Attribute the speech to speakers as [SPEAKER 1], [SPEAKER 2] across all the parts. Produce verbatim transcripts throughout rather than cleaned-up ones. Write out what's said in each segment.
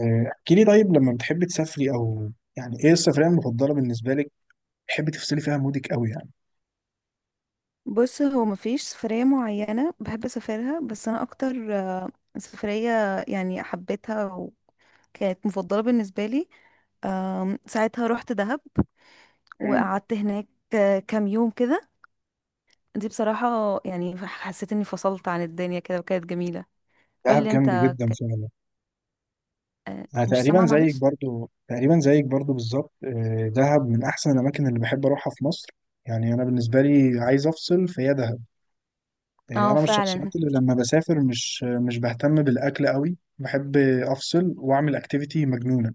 [SPEAKER 1] آه، احكي لي، طيب لما بتحبي تسافري او يعني ايه السفرية المفضلة بالنسبة لك؟ بتحبي تفصلي فيها مودك قوي يعني.
[SPEAKER 2] بص هو مفيش سفرية معينة بحب أسافرها، بس أنا أكتر آه، سفرية يعني حبيتها وكانت مفضلة بالنسبة لي. آم، ساعتها رحت دهب
[SPEAKER 1] امم.
[SPEAKER 2] وقعدت هناك آه، كام يوم كده. دي بصراحة يعني حسيت إني فصلت عن الدنيا كده وكانت جميلة.
[SPEAKER 1] دهب
[SPEAKER 2] قولي
[SPEAKER 1] جامد
[SPEAKER 2] أنت.
[SPEAKER 1] جدا فعلا.
[SPEAKER 2] آه،
[SPEAKER 1] انا
[SPEAKER 2] مش
[SPEAKER 1] تقريبا
[SPEAKER 2] سامعة،
[SPEAKER 1] زيك
[SPEAKER 2] معلش.
[SPEAKER 1] برضو تقريبا زيك برضو بالظبط. آه، دهب من احسن الاماكن اللي بحب اروحها في مصر. يعني انا بالنسبة لي عايز افصل فهي دهب. آه، انا
[SPEAKER 2] اه
[SPEAKER 1] من
[SPEAKER 2] فعلا.
[SPEAKER 1] الشخصيات اللي لما بسافر مش مش بهتم بالاكل قوي، بحب افصل واعمل اكتيفيتي مجنونة.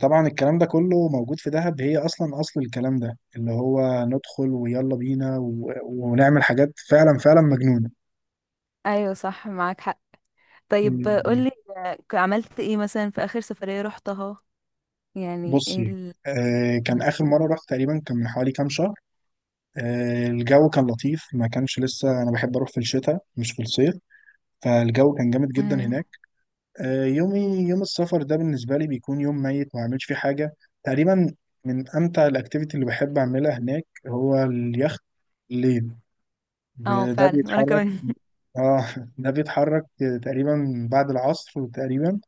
[SPEAKER 1] طبعا الكلام ده كله موجود في دهب، هي اصلا اصل الكلام ده اللي هو ندخل ويلا بينا و... ونعمل حاجات فعلا فعلا مجنونة.
[SPEAKER 2] أيوة صح، معاك حق. طيب، آه،
[SPEAKER 1] مم.
[SPEAKER 2] قولي. آه، عملت ايه مثلا في آخر سفرية رحتها؟ يعني ايه
[SPEAKER 1] بصي.
[SPEAKER 2] ال...
[SPEAKER 1] آه كان
[SPEAKER 2] م-
[SPEAKER 1] اخر مرة رحت تقريبا، كان من حوالي كام شهر. آه الجو كان لطيف، ما كانش لسه. انا بحب اروح في الشتاء مش في الصيف. فالجو كان جامد جدا
[SPEAKER 2] مم.
[SPEAKER 1] هناك. آه يومي يوم السفر ده بالنسبة لي بيكون يوم ميت، ما اعملش فيه حاجة تقريبا. من امتع الاكتيفيتي اللي بحب اعملها هناك هو اليخت الليل.
[SPEAKER 2] اه
[SPEAKER 1] ب- ده
[SPEAKER 2] فعلا، وأنا
[SPEAKER 1] بيتحرك.
[SPEAKER 2] كمان.
[SPEAKER 1] اه ده بيتحرك تقريبا بعد العصر تقريبا،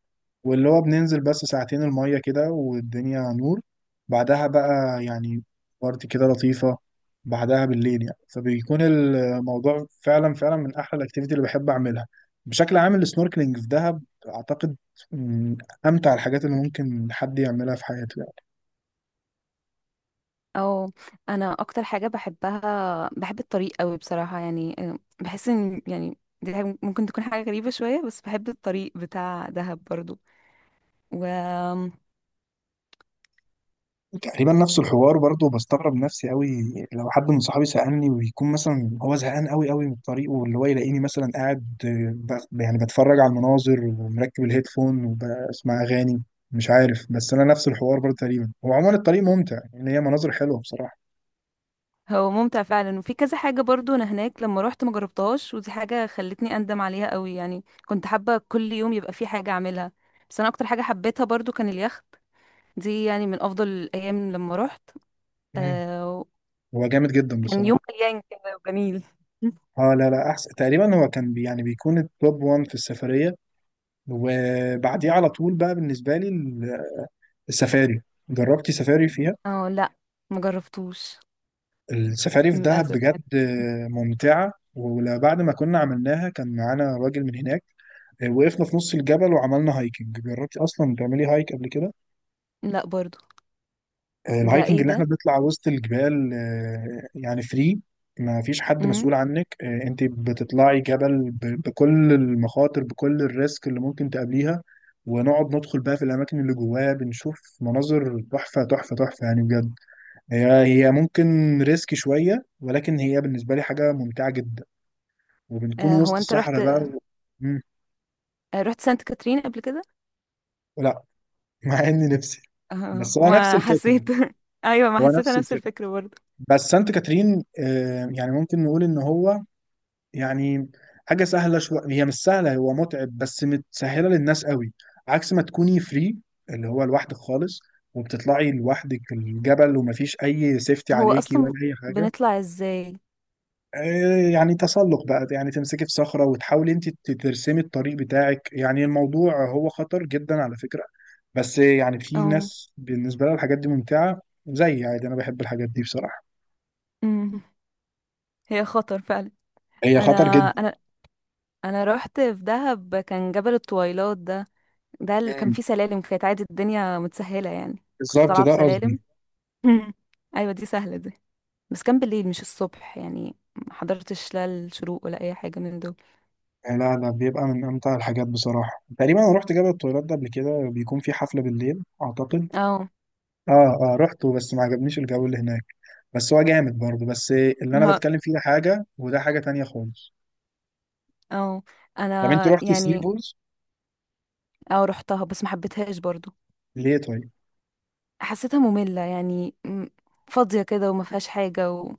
[SPEAKER 1] واللي هو بننزل بس ساعتين المية كده والدنيا نور. بعدها بقى يعني بارتي كده لطيفة بعدها بالليل، يعني فبيكون الموضوع فعلا فعلا من أحلى الأكتيفيتي اللي بحب أعملها. بشكل عام السنوركلينج في دهب أعتقد من أمتع الحاجات اللي ممكن حد يعملها في حياته يعني.
[SPEAKER 2] او، انا اكتر حاجه بحبها، بحب الطريق قوي بصراحه، يعني آه، بحس ان يعني دي حاجة ممكن تكون حاجه غريبه شويه، بس بحب الطريق بتاع دهب برضو وهو
[SPEAKER 1] تقريبا نفس الحوار برضه، بستغرب نفسي قوي. لو حد من صحابي سألني، ويكون مثلا هو زهقان قوي قوي من الطريق، واللي هو يلاقيني مثلا قاعد آه، ب- يعني بتفرج على المناظر ومركب الهيدفون وبسمع أغاني. مش عارف. بس أنا نفس الحوار برضه تقريبا. هو عموما الطريق ممتع يعني، هي مناظر حلوة بصراحة.
[SPEAKER 2] ممتع فعلا، وفي كذا حاجه برضو، انا هناك لما روحت ما جربتهاش، ودي حاجه خلتني اندم عليها قوي، يعني كنت حابه كل يوم يبقى في حاجه اعملها، بس انا اكتر حاجه حبيتها برضو كان اليخت. دي يعني من افضل الايام لما روحت.
[SPEAKER 1] مم.
[SPEAKER 2] آه،
[SPEAKER 1] هو جامد جدا
[SPEAKER 2] كان يوم
[SPEAKER 1] بصراحة.
[SPEAKER 2] مليان كده وجميل.
[SPEAKER 1] اه، لا لا، احسن تقريبا. هو كان بي يعني بيكون التوب واحد في السفرية، وبعديه على طول بقى بالنسبة لي السفاري. جربتي سفاري فيها؟
[SPEAKER 2] اه لا، ما جربتوش
[SPEAKER 1] السفاري في دهب
[SPEAKER 2] للاسف.
[SPEAKER 1] بجد ممتعة. وبعد ما كنا عملناها كان معانا راجل من هناك. آه، وقفنا في نص الجبل وعملنا هايكنج. جربتي اصلا تعملي هايك قبل كده؟
[SPEAKER 2] لا برضو. ده
[SPEAKER 1] الهايكنج
[SPEAKER 2] ايه
[SPEAKER 1] اللي احنا
[SPEAKER 2] ده؟
[SPEAKER 1] بنطلع وسط الجبال آه، يعني فري. ما فيش حد
[SPEAKER 2] امم.
[SPEAKER 1] مسؤول عنك. آه، انت بتطلعي جبل ب- بكل المخاطر، بكل الريسك اللي ممكن تقابليها، ونقعد ندخل بقى في الاماكن اللي جواها، بنشوف مناظر تحفة تحفة تحفة يعني بجد. هي هي ممكن ريسك شوية، ولكن هي بالنسبة لي حاجة ممتعة جدا. وبنكون
[SPEAKER 2] آه هو
[SPEAKER 1] وسط
[SPEAKER 2] انت رحت؟
[SPEAKER 1] الصحراء بقى
[SPEAKER 2] آه
[SPEAKER 1] و... مم.
[SPEAKER 2] رحت سانت كاترين قبل كده؟
[SPEAKER 1] لا، مع إني نفسي.
[SPEAKER 2] آه
[SPEAKER 1] بس هو نفس
[SPEAKER 2] ما
[SPEAKER 1] الفكرة.
[SPEAKER 2] حسيت. ايوه ما
[SPEAKER 1] هو
[SPEAKER 2] حسيت
[SPEAKER 1] نفس
[SPEAKER 2] نفس
[SPEAKER 1] الفكرة.
[SPEAKER 2] الفكرة برضو.
[SPEAKER 1] بس سانت كاترين آه، يعني ممكن نقول إن هو يعني حاجة سهلة شوية. هي مش سهلة، هو متعب بس متسهلة للناس قوي. عكس ما تكوني فري، اللي هو لوحدك خالص، وبتطلعي لوحدك الجبل ومفيش أي سيفتي
[SPEAKER 2] هو
[SPEAKER 1] عليكي ولا
[SPEAKER 2] اصلا
[SPEAKER 1] أي حاجة.
[SPEAKER 2] بنطلع ازاي؟
[SPEAKER 1] آه، يعني تسلق بقى، يعني تمسكي في صخرة وتحاولي انت ترسمي الطريق بتاعك. يعني الموضوع هو خطر جدا على فكرة، بس يعني في
[SPEAKER 2] اه.
[SPEAKER 1] ناس بالنسبة لها الحاجات دي ممتعة. زي عادي انا بحب الحاجات دي بصراحة.
[SPEAKER 2] امم. هي خطر فعلا.
[SPEAKER 1] هي
[SPEAKER 2] انا
[SPEAKER 1] خطر جدا.
[SPEAKER 2] انا انا رحت في دهب، كان جبل الطويلات ده. ده اللي كان
[SPEAKER 1] مم.
[SPEAKER 2] فيه سلالم، كانت عادي، الدنيا متسهلة يعني كنت
[SPEAKER 1] بالظبط
[SPEAKER 2] طالعة
[SPEAKER 1] ده
[SPEAKER 2] بسلالم.
[SPEAKER 1] قصدي.
[SPEAKER 2] مم. ايوه دي سهلة دي. بس كان بالليل مش الصبح، يعني ما حضرتش لا الشروق ولا اي حاجة من دول.
[SPEAKER 1] آه، لا لا، بيبقى من امتع الحاجات بصراحة. تقريبا انا رحت جبل الطويلات ده قبل كده، بيكون في حفلة بالليل اعتقد.
[SPEAKER 2] اه.
[SPEAKER 1] اه، اه، رحته بس ما عجبنيش الجو اللي هناك. بس هو جامد برضه. بس اللي انا بتكلم فيه ده حاجة وده حاجة تانية خالص.
[SPEAKER 2] اه
[SPEAKER 1] طب انت
[SPEAKER 2] انا
[SPEAKER 1] رحت ثري
[SPEAKER 2] يعني.
[SPEAKER 1] بولز؟
[SPEAKER 2] اه رحتها بس ما حبيتهاش برضو.
[SPEAKER 1] ليه طيب؟
[SPEAKER 2] حسيتها مملة يعني، م- فاضية كده، وما فيهاش حاجة، وما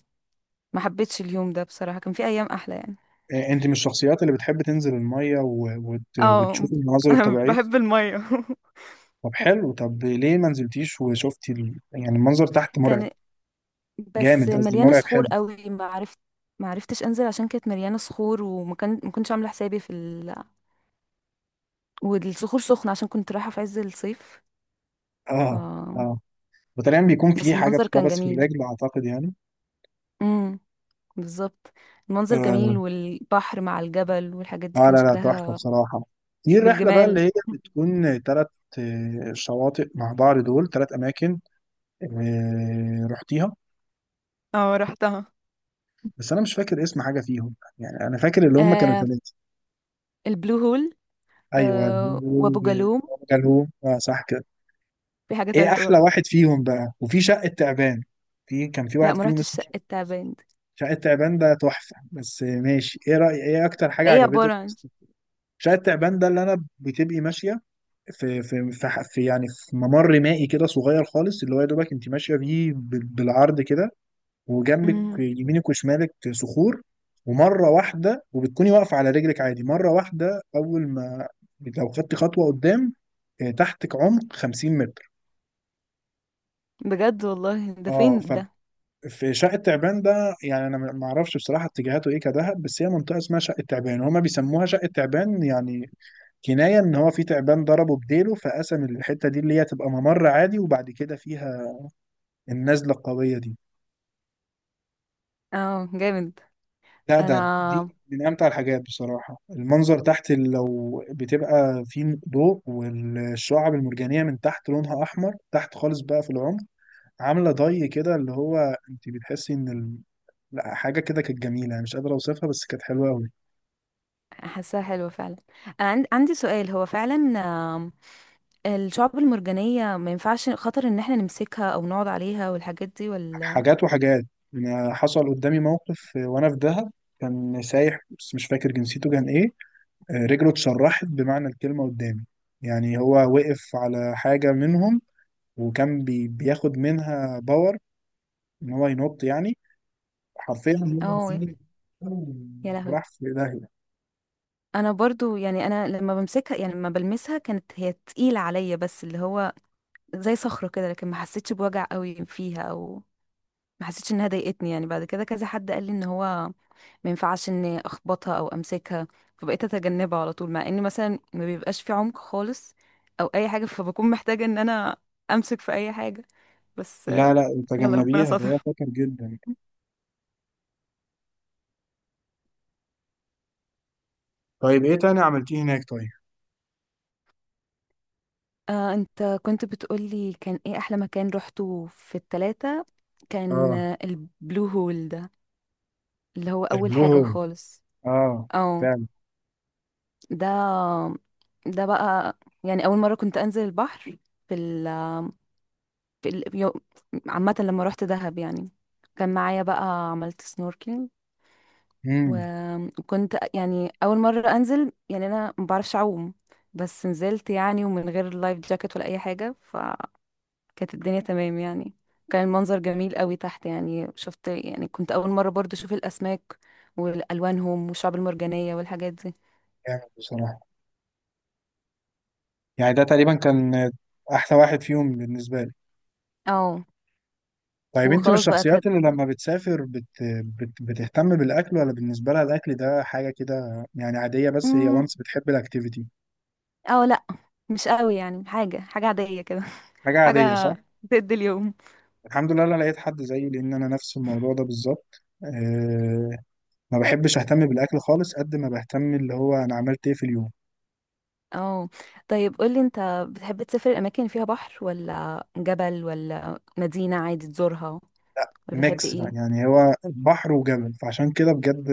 [SPEAKER 2] حبيتش اليوم ده بصراحة. كان في ايام احلى يعني.
[SPEAKER 1] آه، انت من الشخصيات اللي بتحب تنزل المية و- وت...
[SPEAKER 2] اه.
[SPEAKER 1] وتشوف المناظر
[SPEAKER 2] انا
[SPEAKER 1] الطبيعية؟
[SPEAKER 2] بحب المية.
[SPEAKER 1] طب حلو. طب ليه ما نزلتيش وشفتي ال... يعني المنظر تحت مرعب.
[SPEAKER 2] كان، بس
[SPEAKER 1] جامد قصدي،
[SPEAKER 2] مليانة
[SPEAKER 1] مرعب حلو.
[SPEAKER 2] صخور قوي، ما عرفت ما عرفتش انزل عشان كانت مليانة صخور، وما كان ما كنتش عاملة حسابي في ال... والصخور سخنة عشان كنت رايحة في عز الصيف، ف...
[SPEAKER 1] اه، اه، وتقريبا بيكون في
[SPEAKER 2] بس
[SPEAKER 1] حاجة
[SPEAKER 2] المنظر كان
[SPEAKER 1] بتتلبس في
[SPEAKER 2] جميل.
[SPEAKER 1] الرجل اعتقد يعني.
[SPEAKER 2] امم. بالظبط. المنظر
[SPEAKER 1] اه،
[SPEAKER 2] جميل، والبحر مع الجبل والحاجات دي
[SPEAKER 1] آه،
[SPEAKER 2] كان
[SPEAKER 1] لا لا، تحفة
[SPEAKER 2] شكلها.
[SPEAKER 1] بصراحة. دي الرحلة بقى
[SPEAKER 2] والجمال.
[SPEAKER 1] اللي هي بتكون تلات آه، شواطئ مع بعض. دول تلات أماكن. آه، رحتيها؟
[SPEAKER 2] اه رحتها.
[SPEAKER 1] بس أنا مش فاكر اسم حاجة فيهم يعني، أنا فاكر اللي هم كانوا
[SPEAKER 2] آه
[SPEAKER 1] تلاتة.
[SPEAKER 2] البلو هول.
[SPEAKER 1] ايوه،
[SPEAKER 2] آه
[SPEAKER 1] النور.
[SPEAKER 2] وابو جالوم.
[SPEAKER 1] جالهم، اه صح كده.
[SPEAKER 2] في حاجة
[SPEAKER 1] ايه
[SPEAKER 2] تالتة
[SPEAKER 1] احلى
[SPEAKER 2] بقى.
[SPEAKER 1] واحد فيهم بقى؟ وفي شقة تعبان. في كان في
[SPEAKER 2] لا،
[SPEAKER 1] واحد
[SPEAKER 2] ما
[SPEAKER 1] فيهم
[SPEAKER 2] رحتش
[SPEAKER 1] اسمه شقة.
[SPEAKER 2] شقة تعبان دي.
[SPEAKER 1] شقة تعبان ده تحفة. بس ماشي. ايه رأي ايه اكتر حاجة
[SPEAKER 2] ايه
[SPEAKER 1] عجبتك
[SPEAKER 2] عبارة عن؟
[SPEAKER 1] في شقة تعبان ده اللي انا بتبقي ماشية؟ في في في, ح- في يعني في ممر مائي كده صغير خالص، اللي هو يا دوبك انت ماشية بيه بال- بالعرض كده، وجنبك
[SPEAKER 2] مم.
[SPEAKER 1] يمينك وشمالك صخور. ومرة واحدة وبتكوني واقفة على رجلك عادي، مرة واحدة أول ما لو خدتي خطوة قدام، آه، تحتك عمق 50 متر.
[SPEAKER 2] بجد والله؟ ده فين
[SPEAKER 1] اه،
[SPEAKER 2] ده؟
[SPEAKER 1] ففي شقة تعبان ده يعني انا ما اعرفش بصراحة اتجاهاته ايه كدهب، بس هي منطقة اسمها شقة تعبان، هما بيسموها شقة تعبان يعني كناية ان هو في تعبان ضربه بديله، فقسم الحتة دي اللي هي تبقى ممر عادي، وبعد كده فيها النزلة القوية دي.
[SPEAKER 2] اه جامد.
[SPEAKER 1] لا،
[SPEAKER 2] انا
[SPEAKER 1] ده دي من امتع الحاجات بصراحه. المنظر تحت لو بتبقى فيه ضوء والشعب المرجانيه من تحت لونها احمر تحت خالص بقى في العمق، عامله ضي كده اللي هو انت بتحسي ان ال... لا، حاجه كده كانت جميله. أنا مش قادر اوصفها بس كانت حلوه قوي.
[SPEAKER 2] حاساها حلوة فعلا. انا عند- عندي سؤال، هو فعلا آم، الشعب المرجانية ما ينفعش، خطر ان احنا نمسكها او نقعد عليها والحاجات دي ولا؟
[SPEAKER 1] حاجات وحاجات. أنا حصل قدامي موقف وانا في دهب، كان سايح بس مش فاكر جنسيته كان ايه. آه، رجله اتشرحت بمعنى الكلمه قدامي. يعني هو وقف على حاجه منهم، وكان بي... بياخد منها باور ان هو ينط يعني، حرفيا. هو
[SPEAKER 2] اه.
[SPEAKER 1] فين-
[SPEAKER 2] يا لهوي.
[SPEAKER 1] وراح في داهية.
[SPEAKER 2] انا برضو يعني، انا لما بمسكها، يعني لما بلمسها، كانت هي تقيلة عليا بس اللي هو زي صخرة كده، لكن ما حسيتش بوجع قوي فيها، او ما حسيتش انها ضايقتني، يعني بعد كده كذا حد قال لي ان هو ما ينفعش اني اخبطها او امسكها، فبقيت اتجنبها على طول، مع ان مثلا ما بيبقاش في عمق خالص او اي حاجة، فبكون محتاجة ان انا امسك في اي حاجة، بس آه،
[SPEAKER 1] لا لا،
[SPEAKER 2] يلا ربنا
[SPEAKER 1] تجنبيها ده،
[SPEAKER 2] ستر.
[SPEAKER 1] هي خطر جدا. طيب ايه تاني عملتيه هناك طيب؟
[SPEAKER 2] آه، انت كنت بتقولي كان ايه احلى مكان روحته في التلاتة؟ كان
[SPEAKER 1] اه،
[SPEAKER 2] آه، البلو هول ده اللي هو اول
[SPEAKER 1] البلو
[SPEAKER 2] حاجة
[SPEAKER 1] هول.
[SPEAKER 2] خالص.
[SPEAKER 1] اه
[SPEAKER 2] اه.
[SPEAKER 1] فعلا.
[SPEAKER 2] ده ده بقى يعني اول مرة كنت انزل البحر في ال في ال يو- عامة لما روحت دهب، يعني كان معايا بقى، عملت سنوركينج.
[SPEAKER 1] امم.
[SPEAKER 2] وكنت يعني اول مرة انزل، يعني انا ما بعرفش اعوم، بس نزلت يعني، ومن غير لايف جاكيت ولا اي حاجة، فكانت الدنيا تمام يعني. كان المنظر جميل قوي تحت، يعني شفت، يعني كنت اول مرة برضو اشوف الاسماك والوانهم والشعب المرجانية والحاجات دي.
[SPEAKER 1] جامد بصراحة. يعني ده تقريبا كان احلى واحد فيهم بالنسبة لي.
[SPEAKER 2] اه
[SPEAKER 1] طيب، انت من
[SPEAKER 2] وخلاص بقى
[SPEAKER 1] الشخصيات اللي
[SPEAKER 2] اتهدي.
[SPEAKER 1] لما بتسافر بت... بت... بتهتم بالاكل، ولا بالنسبة لها الاكل ده حاجة كده يعني عادية، بس هي
[SPEAKER 2] امم.
[SPEAKER 1] وانس بتحب الاكتيفيتي؟
[SPEAKER 2] اه لا، مش قوي، يعني حاجة حاجة عادية كده.
[SPEAKER 1] حاجة
[SPEAKER 2] حاجة
[SPEAKER 1] عادية صح.
[SPEAKER 2] تدي اليوم.
[SPEAKER 1] الحمد لله انا لقيت حد زيي لان انا نفس الموضوع ده بالظبط، أه. ما بحبش اهتم بالاكل خالص قد ما بهتم اللي هو انا عملت ايه في اليوم.
[SPEAKER 2] اه طيب، قولي انت، بتحب تسافر الأماكن اللي فيها بحر ولا جبل ولا مدينة عادي تزورها، ولا بتحب
[SPEAKER 1] ميكس بقى،
[SPEAKER 2] ايه؟
[SPEAKER 1] يعني هو بحر وجبل، فعشان كده بجد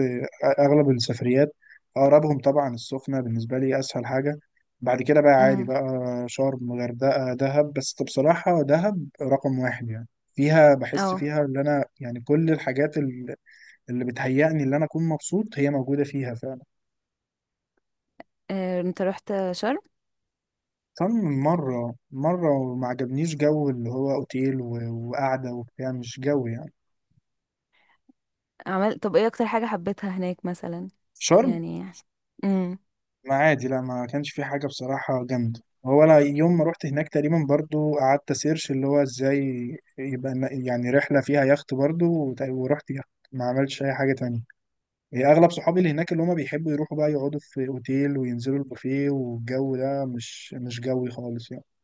[SPEAKER 1] اغلب السفريات اقربهم طبعا السخنه، بالنسبه لي اسهل حاجه. بعد كده بقى عادي
[SPEAKER 2] امم.
[SPEAKER 1] بقى، شرم، غردقه، دهب، بس بصراحه دهب رقم واحد يعني. فيها بحس
[SPEAKER 2] اه
[SPEAKER 1] فيها ان انا يعني كل الحاجات ال- اللي بتهيأني ان انا اكون مبسوط هي موجوده فيها.
[SPEAKER 2] آه، انت رحت شرم؟
[SPEAKER 1] كم مرة؟ مرة. وما عجبنيش جو اللي هو اوتيل و- وقعدة وبتاع، مش جو يعني.
[SPEAKER 2] عمل طب ايه اكتر حاجة حبيتها هناك مثلا؟
[SPEAKER 1] في شرم،
[SPEAKER 2] يعني، امم.
[SPEAKER 1] ما عادي، لا ما كانش في حاجة بصراحة جامدة. هو انا يوم ما رحت هناك تقريبا برضو قعدت سيرش اللي هو ازاي يبقى ن- يعني رحلة فيها يخت برضو. وت- ورحت يخت، ما عملتش اي حاجة تانية. هي اغلب صحابي اللي هناك اللي هما بيحبوا يروحوا بقى يقعدوا في اوتيل وينزلوا البوفيه، والجو ده مش مش جوي خالص يعني.